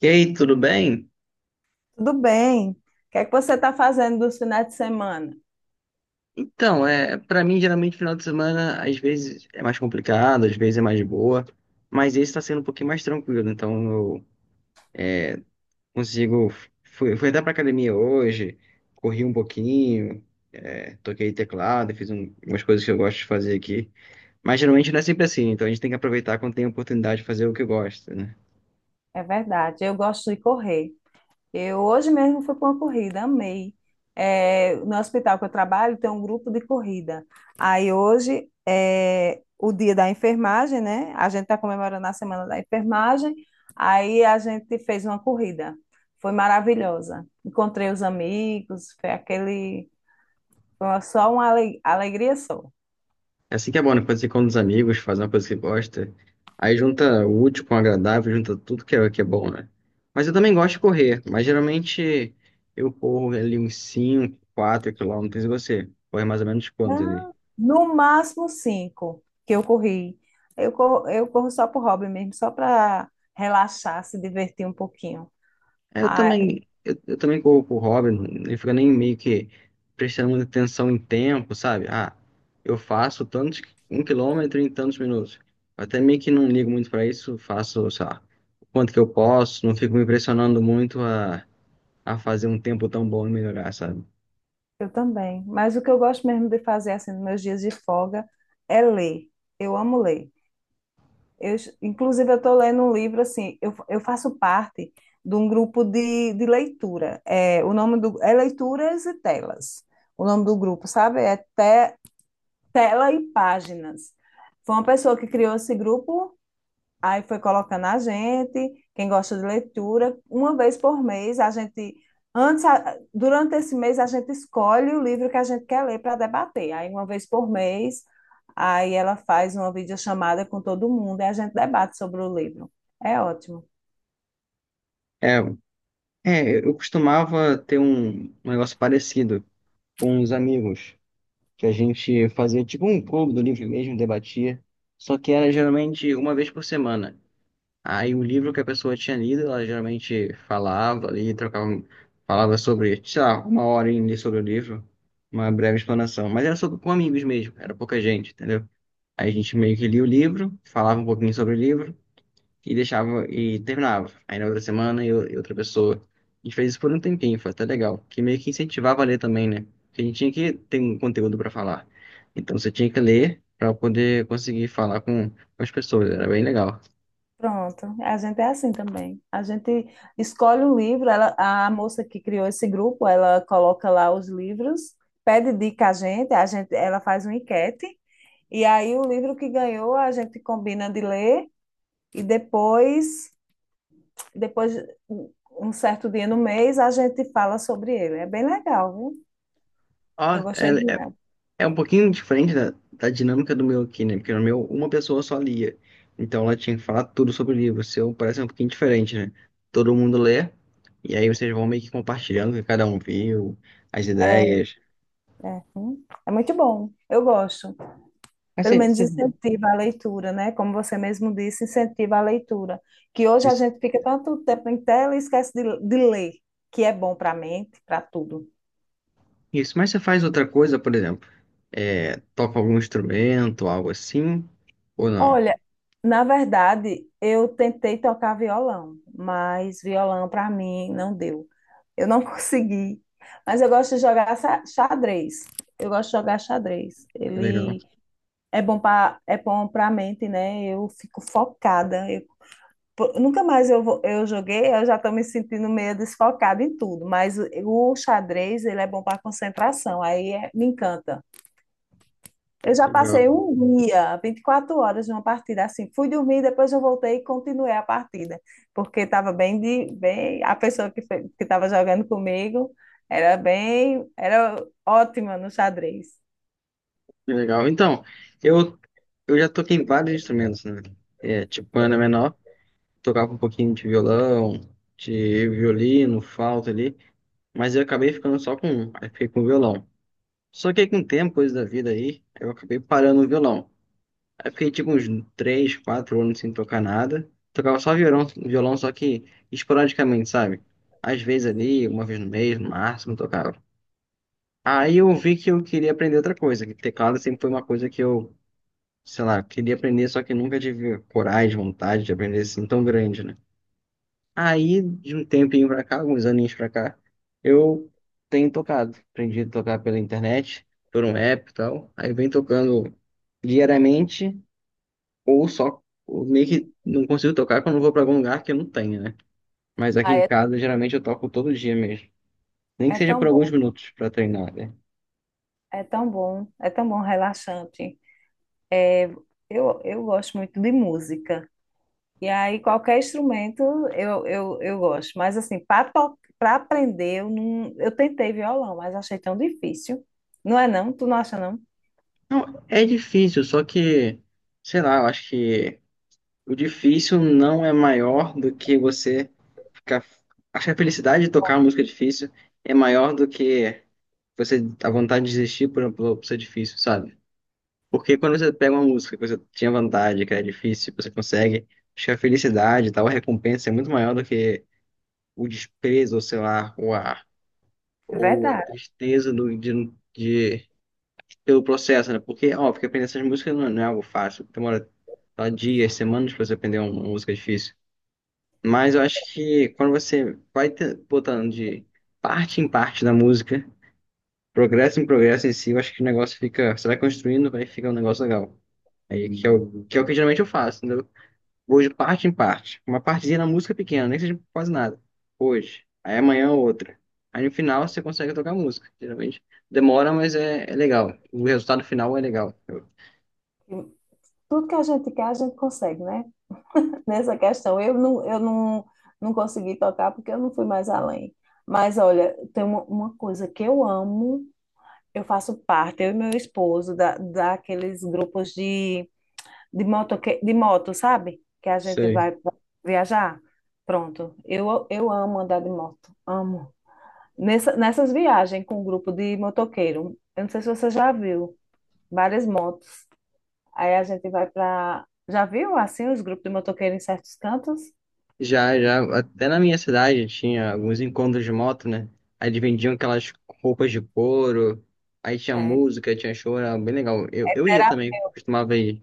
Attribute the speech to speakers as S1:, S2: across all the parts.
S1: E aí, tudo bem?
S2: Tudo bem. O que é que você está fazendo dos finais de semana?
S1: Então, para mim, geralmente, final de semana, às vezes é mais complicado, às vezes é mais boa, mas esse está sendo um pouquinho mais tranquilo, então eu consigo. Fui até pra academia hoje, corri um pouquinho, toquei teclado, fiz umas coisas que eu gosto de fazer aqui, mas geralmente não é sempre assim, então a gente tem que aproveitar quando tem a oportunidade de fazer o que gosta, né?
S2: É verdade, eu gosto de correr. Eu hoje mesmo fui para uma corrida, amei. É, no hospital que eu trabalho tem um grupo de corrida. Aí hoje é o dia da enfermagem, né? A gente está comemorando a semana da enfermagem. Aí a gente fez uma corrida. Foi maravilhosa. Encontrei os amigos, foi só uma alegria só.
S1: É assim que é bom, né? Quando você com os amigos, faz uma coisa que gosta. Aí junta o útil com o agradável, junta tudo que é bom, né? Mas eu também gosto de correr, mas geralmente eu corro ali uns 5 4 quilômetros e você corre mais ou menos quanto ali?
S2: Não, no máximo cinco que eu corri. Eu corro só por hobby mesmo, só para relaxar, se divertir um pouquinho.
S1: É, eu
S2: Ah,
S1: também, eu também corro por hobby, não fica nem meio que prestando muita atenção em tempo, sabe? Ah, eu faço tantos, um quilômetro em tantos minutos. Eu até meio que não ligo muito pra isso, faço, sei lá, o quanto que eu posso, não fico me impressionando muito a fazer um tempo tão bom e melhorar, sabe?
S2: eu também. Mas o que eu gosto mesmo de fazer assim nos meus dias de folga é ler. Eu amo ler. Eu, inclusive, eu estou lendo um livro assim. Eu faço parte de um grupo de leitura. É, o nome do é Leituras e Telas. O nome do grupo, sabe? É Tela e Páginas. Foi uma pessoa que criou esse grupo. Aí foi colocando a gente, quem gosta de leitura, uma vez por mês, a gente antes, durante esse mês, a gente escolhe o livro que a gente quer ler para debater. Aí uma vez por mês, aí ela faz uma videochamada com todo mundo e a gente debate sobre o livro. É ótimo.
S1: É, é, eu costumava ter um negócio parecido com os amigos, que a gente fazia tipo um clube do livro mesmo, debatia, só que era geralmente uma vez por semana. Aí o livro que a pessoa tinha lido, ela geralmente falava ali, trocava, falava sobre, sei lá, uma hora ali sobre o livro, uma breve explanação. Mas era só com amigos mesmo, era pouca gente, entendeu? Aí a gente meio que lia o livro, falava um pouquinho sobre o livro, e deixava e terminava. Aí na outra semana eu e outra pessoa. A gente fez isso por um tempinho, foi até legal. Que meio que incentivava a ler também, né? Porque a gente tinha que ter um conteúdo para falar. Então você tinha que ler para poder conseguir falar com as pessoas. Era bem legal.
S2: Pronto, a gente é assim também. A gente escolhe um livro, ela, a moça que criou esse grupo, ela coloca lá os livros, pede dica a gente, ela faz uma enquete. E aí o livro que ganhou a gente combina de ler e depois um um certo dia no mês a gente fala sobre ele. É bem legal, viu?
S1: Ó,
S2: Eu gostei de ler.
S1: é um pouquinho diferente da dinâmica do meu aqui, né? Porque no meu uma pessoa só lia. Então ela tinha que falar tudo sobre o livro. O seu parece um pouquinho diferente, né? Todo mundo lê. E aí vocês vão meio que compartilhando o que cada um viu, as
S2: É,
S1: ideias.
S2: é, é muito bom. Eu gosto.
S1: Mas
S2: Pelo
S1: você,
S2: menos
S1: você
S2: incentiva a leitura, né? Como você mesmo disse, incentiva a leitura. Que hoje a
S1: Isso,
S2: gente fica tanto tempo em tela e esquece de ler, que é bom para a mente, para tudo.
S1: isso. Mas você faz outra coisa, por exemplo, toca algum instrumento, algo assim, ou não?
S2: Olha, na verdade, eu tentei tocar violão, mas violão para mim não deu. Eu não consegui. Mas eu gosto de jogar xadrez. Eu gosto de jogar xadrez.
S1: Que legal,
S2: Ele é bom para, é bom para mente, né? Eu fico focada. Eu, pô, nunca mais eu, eu joguei, eu já estou me sentindo meio desfocada em tudo, mas o xadrez, ele é bom para concentração. Me encanta.
S1: que
S2: Eu já
S1: legal,
S2: passei um dia, 24 horas numa partida assim. Fui dormir, depois eu voltei e continuei a partida, porque estava bem de bem, a pessoa que que estava jogando comigo era bem, era ótima no xadrez.
S1: que legal. Então, eu, eu já toquei em vários instrumentos, né? É, tipo, quando era menor, tocava um pouquinho de violão, de violino, flauta ali, mas eu acabei ficando só com um, aí fiquei com o violão. Só que aí com o tempo, coisa da vida aí, eu acabei parando o violão. Aí fiquei tipo uns 3, 4 anos sem tocar nada. Tocava só violão, violão, só que esporadicamente, sabe? Às vezes ali, uma vez no mês, no máximo, tocava. Aí eu vi que eu queria aprender outra coisa, que teclado sempre foi uma coisa que eu, sei lá, queria aprender, só que nunca tive coragem, vontade de aprender assim tão grande, né? Aí, de um tempinho pra cá, alguns aninhos pra cá, eu tenho tocado. Aprendi a tocar pela internet, por um app e tal. Aí vem tocando diariamente ou só, ou meio que não consigo tocar quando eu vou pra algum lugar que eu não tenha, né? Mas aqui
S2: Ah,
S1: em
S2: é,
S1: casa, geralmente eu toco todo dia mesmo. Nem que
S2: é
S1: seja
S2: tão
S1: por alguns
S2: bom,
S1: minutos pra treinar, né?
S2: é tão bom, é tão bom, relaxante. É, eu gosto muito de música. E aí, qualquer instrumento eu gosto. Mas, assim, para aprender, eu, não, eu tentei violão, mas achei tão difícil. Não é não? Tu não acha não?
S1: Não, é difícil, só que, sei lá, eu acho que o difícil não é maior do que você ficar. Acho que a felicidade de tocar uma música difícil é maior do que você, a vontade de desistir por ser difícil, sabe? Porque quando você pega uma música que você tinha vontade, que era difícil, você consegue, acho que a felicidade e tal, a recompensa é muito maior do que o desprezo, ou sei lá, ou a,
S2: É
S1: ou a
S2: verdade.
S1: tristeza de- pelo processo, né? Porque, ó, porque aprender essas músicas não, não é algo fácil, demora tá, dias, semanas pra você aprender uma música difícil. Mas eu acho que quando você vai botando de parte em parte da música, progresso em si, eu acho que o negócio fica, você vai construindo, vai ficar um negócio legal. Aí, é o que geralmente eu faço, entendeu? Vou de parte em parte. Uma partezinha na música pequena, nem que seja quase nada. Hoje. Aí amanhã outra. Aí no final você consegue tocar música. Geralmente demora, mas é legal. O resultado final é legal.
S2: Tudo que a gente quer, a gente consegue, né? Nessa questão, eu não, não consegui tocar porque eu não fui mais além. Mas, olha, tem uma coisa que eu amo, eu faço parte, eu e meu esposo, da, daqueles grupos de de moto, sabe? Que a gente
S1: Sei.
S2: vai viajar. Pronto. Eu amo andar de moto, amo. Nessas viagens com um grupo de motoqueiro, eu não sei se você já viu, várias motos. Aí a gente vai para. Já viu assim os grupos de motoqueiro em certos cantos?
S1: Já, já, até na minha cidade tinha alguns encontros de moto, né? Aí eles vendiam aquelas roupas de couro, aí tinha
S2: É,
S1: música, tinha show, era bem legal. Eu ia também, costumava ir.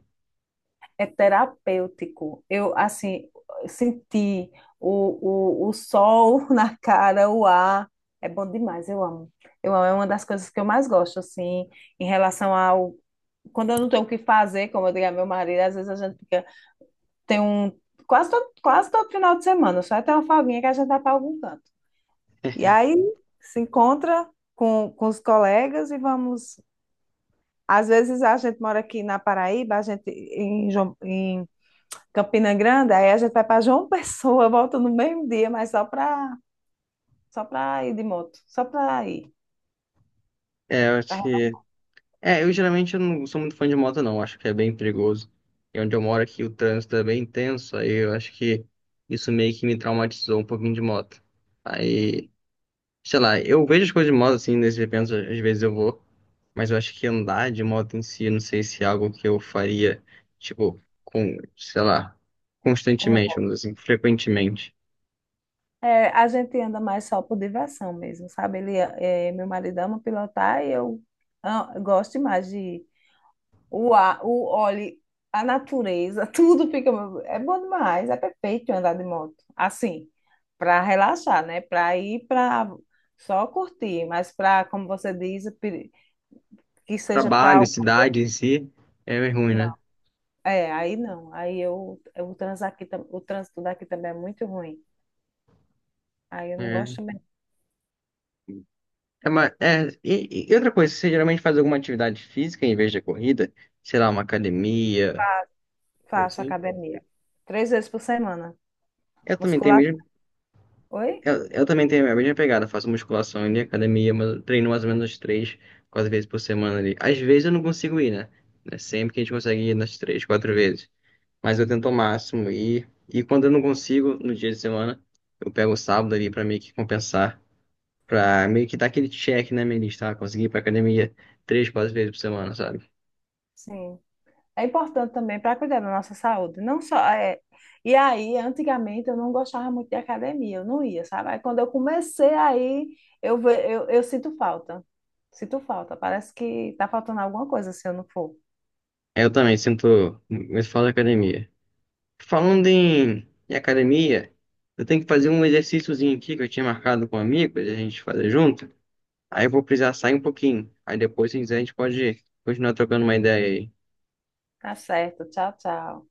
S2: é terapêutico. Eu, assim, senti o sol na cara, o ar. É bom demais, eu amo. Eu amo, é uma das coisas que eu mais gosto, assim, em relação ao. Quando eu não tenho o que fazer, como eu digo a meu marido, às vezes a gente fica. Tem um. Quase todo final de semana, só tem uma folguinha que a gente vai para algum canto. E aí se encontra com os colegas e vamos. Às vezes a gente mora aqui na Paraíba, a gente em, em Campina Grande, aí a gente vai para João Pessoa, volta no mesmo dia, mas só para ir de moto, só para ir,
S1: É, eu acho
S2: pra-
S1: que É, eu geralmente eu não sou muito fã de moto, não. Acho que é bem perigoso. E onde eu moro aqui, o trânsito é bem intenso. Aí eu acho que isso meio que me traumatizou um pouquinho de moto. Aí, sei lá, eu vejo as coisas de moto assim, nesses eventos, às vezes eu vou. Mas eu acho que andar de moto em si, eu não sei se é algo que eu faria, tipo, com, sei lá,
S2: como
S1: constantemente,
S2: hobby.
S1: vamos dizer assim, frequentemente.
S2: É, a gente anda mais só por diversão mesmo, sabe? Ele, é, meu marido ama pilotar e eu, ah, gosto demais de o ar, o óleo, a natureza, tudo fica, é bom demais, é perfeito andar de moto. Assim, para relaxar, né? Para ir para Só curtir, mas para, como você diz, que seja
S1: Trabalho,
S2: para.
S1: cidade em si, é ruim, né?
S2: É, aí não. O trânsito aqui, o trânsito daqui também é muito ruim. Aí eu não gosto
S1: É.
S2: também.
S1: E outra coisa, você geralmente faz alguma atividade física em vez de corrida? Sei lá, uma academia, coisa
S2: Faço
S1: assim.
S2: academia. 3 vezes por semana.
S1: Eu também tenho
S2: Musculação.
S1: mesmo,
S2: Oi?
S1: eu também tenho a mesma pegada, faço musculação e academia, mas eu treino mais ou menos 3, 4 vezes por semana ali. Às vezes eu não consigo ir, né? Não é sempre que a gente consegue ir nas 3, 4 vezes. Mas eu tento ao máximo ir. E quando eu não consigo, no dia de semana, eu pego o sábado ali pra meio que compensar, pra meio que dar aquele check na minha lista, ah, consegui ir pra academia 3, 4 vezes por semana, sabe?
S2: Sim. É importante também para cuidar da nossa saúde. Não só é... E aí, antigamente, eu não gostava muito de academia. Eu não ia, sabe? Aí quando eu comecei aí, eu sinto falta. Sinto falta. Parece que tá faltando alguma coisa se eu não for.
S1: É, eu também sinto muito falta de academia. Falando em academia, eu tenho que fazer um exercíciozinho aqui que eu tinha marcado com um amigo pra gente fazer junto. Aí eu vou precisar sair um pouquinho. Aí depois, se quiser, a gente pode continuar trocando uma ideia aí.
S2: Tá certo. Tchau, tchau.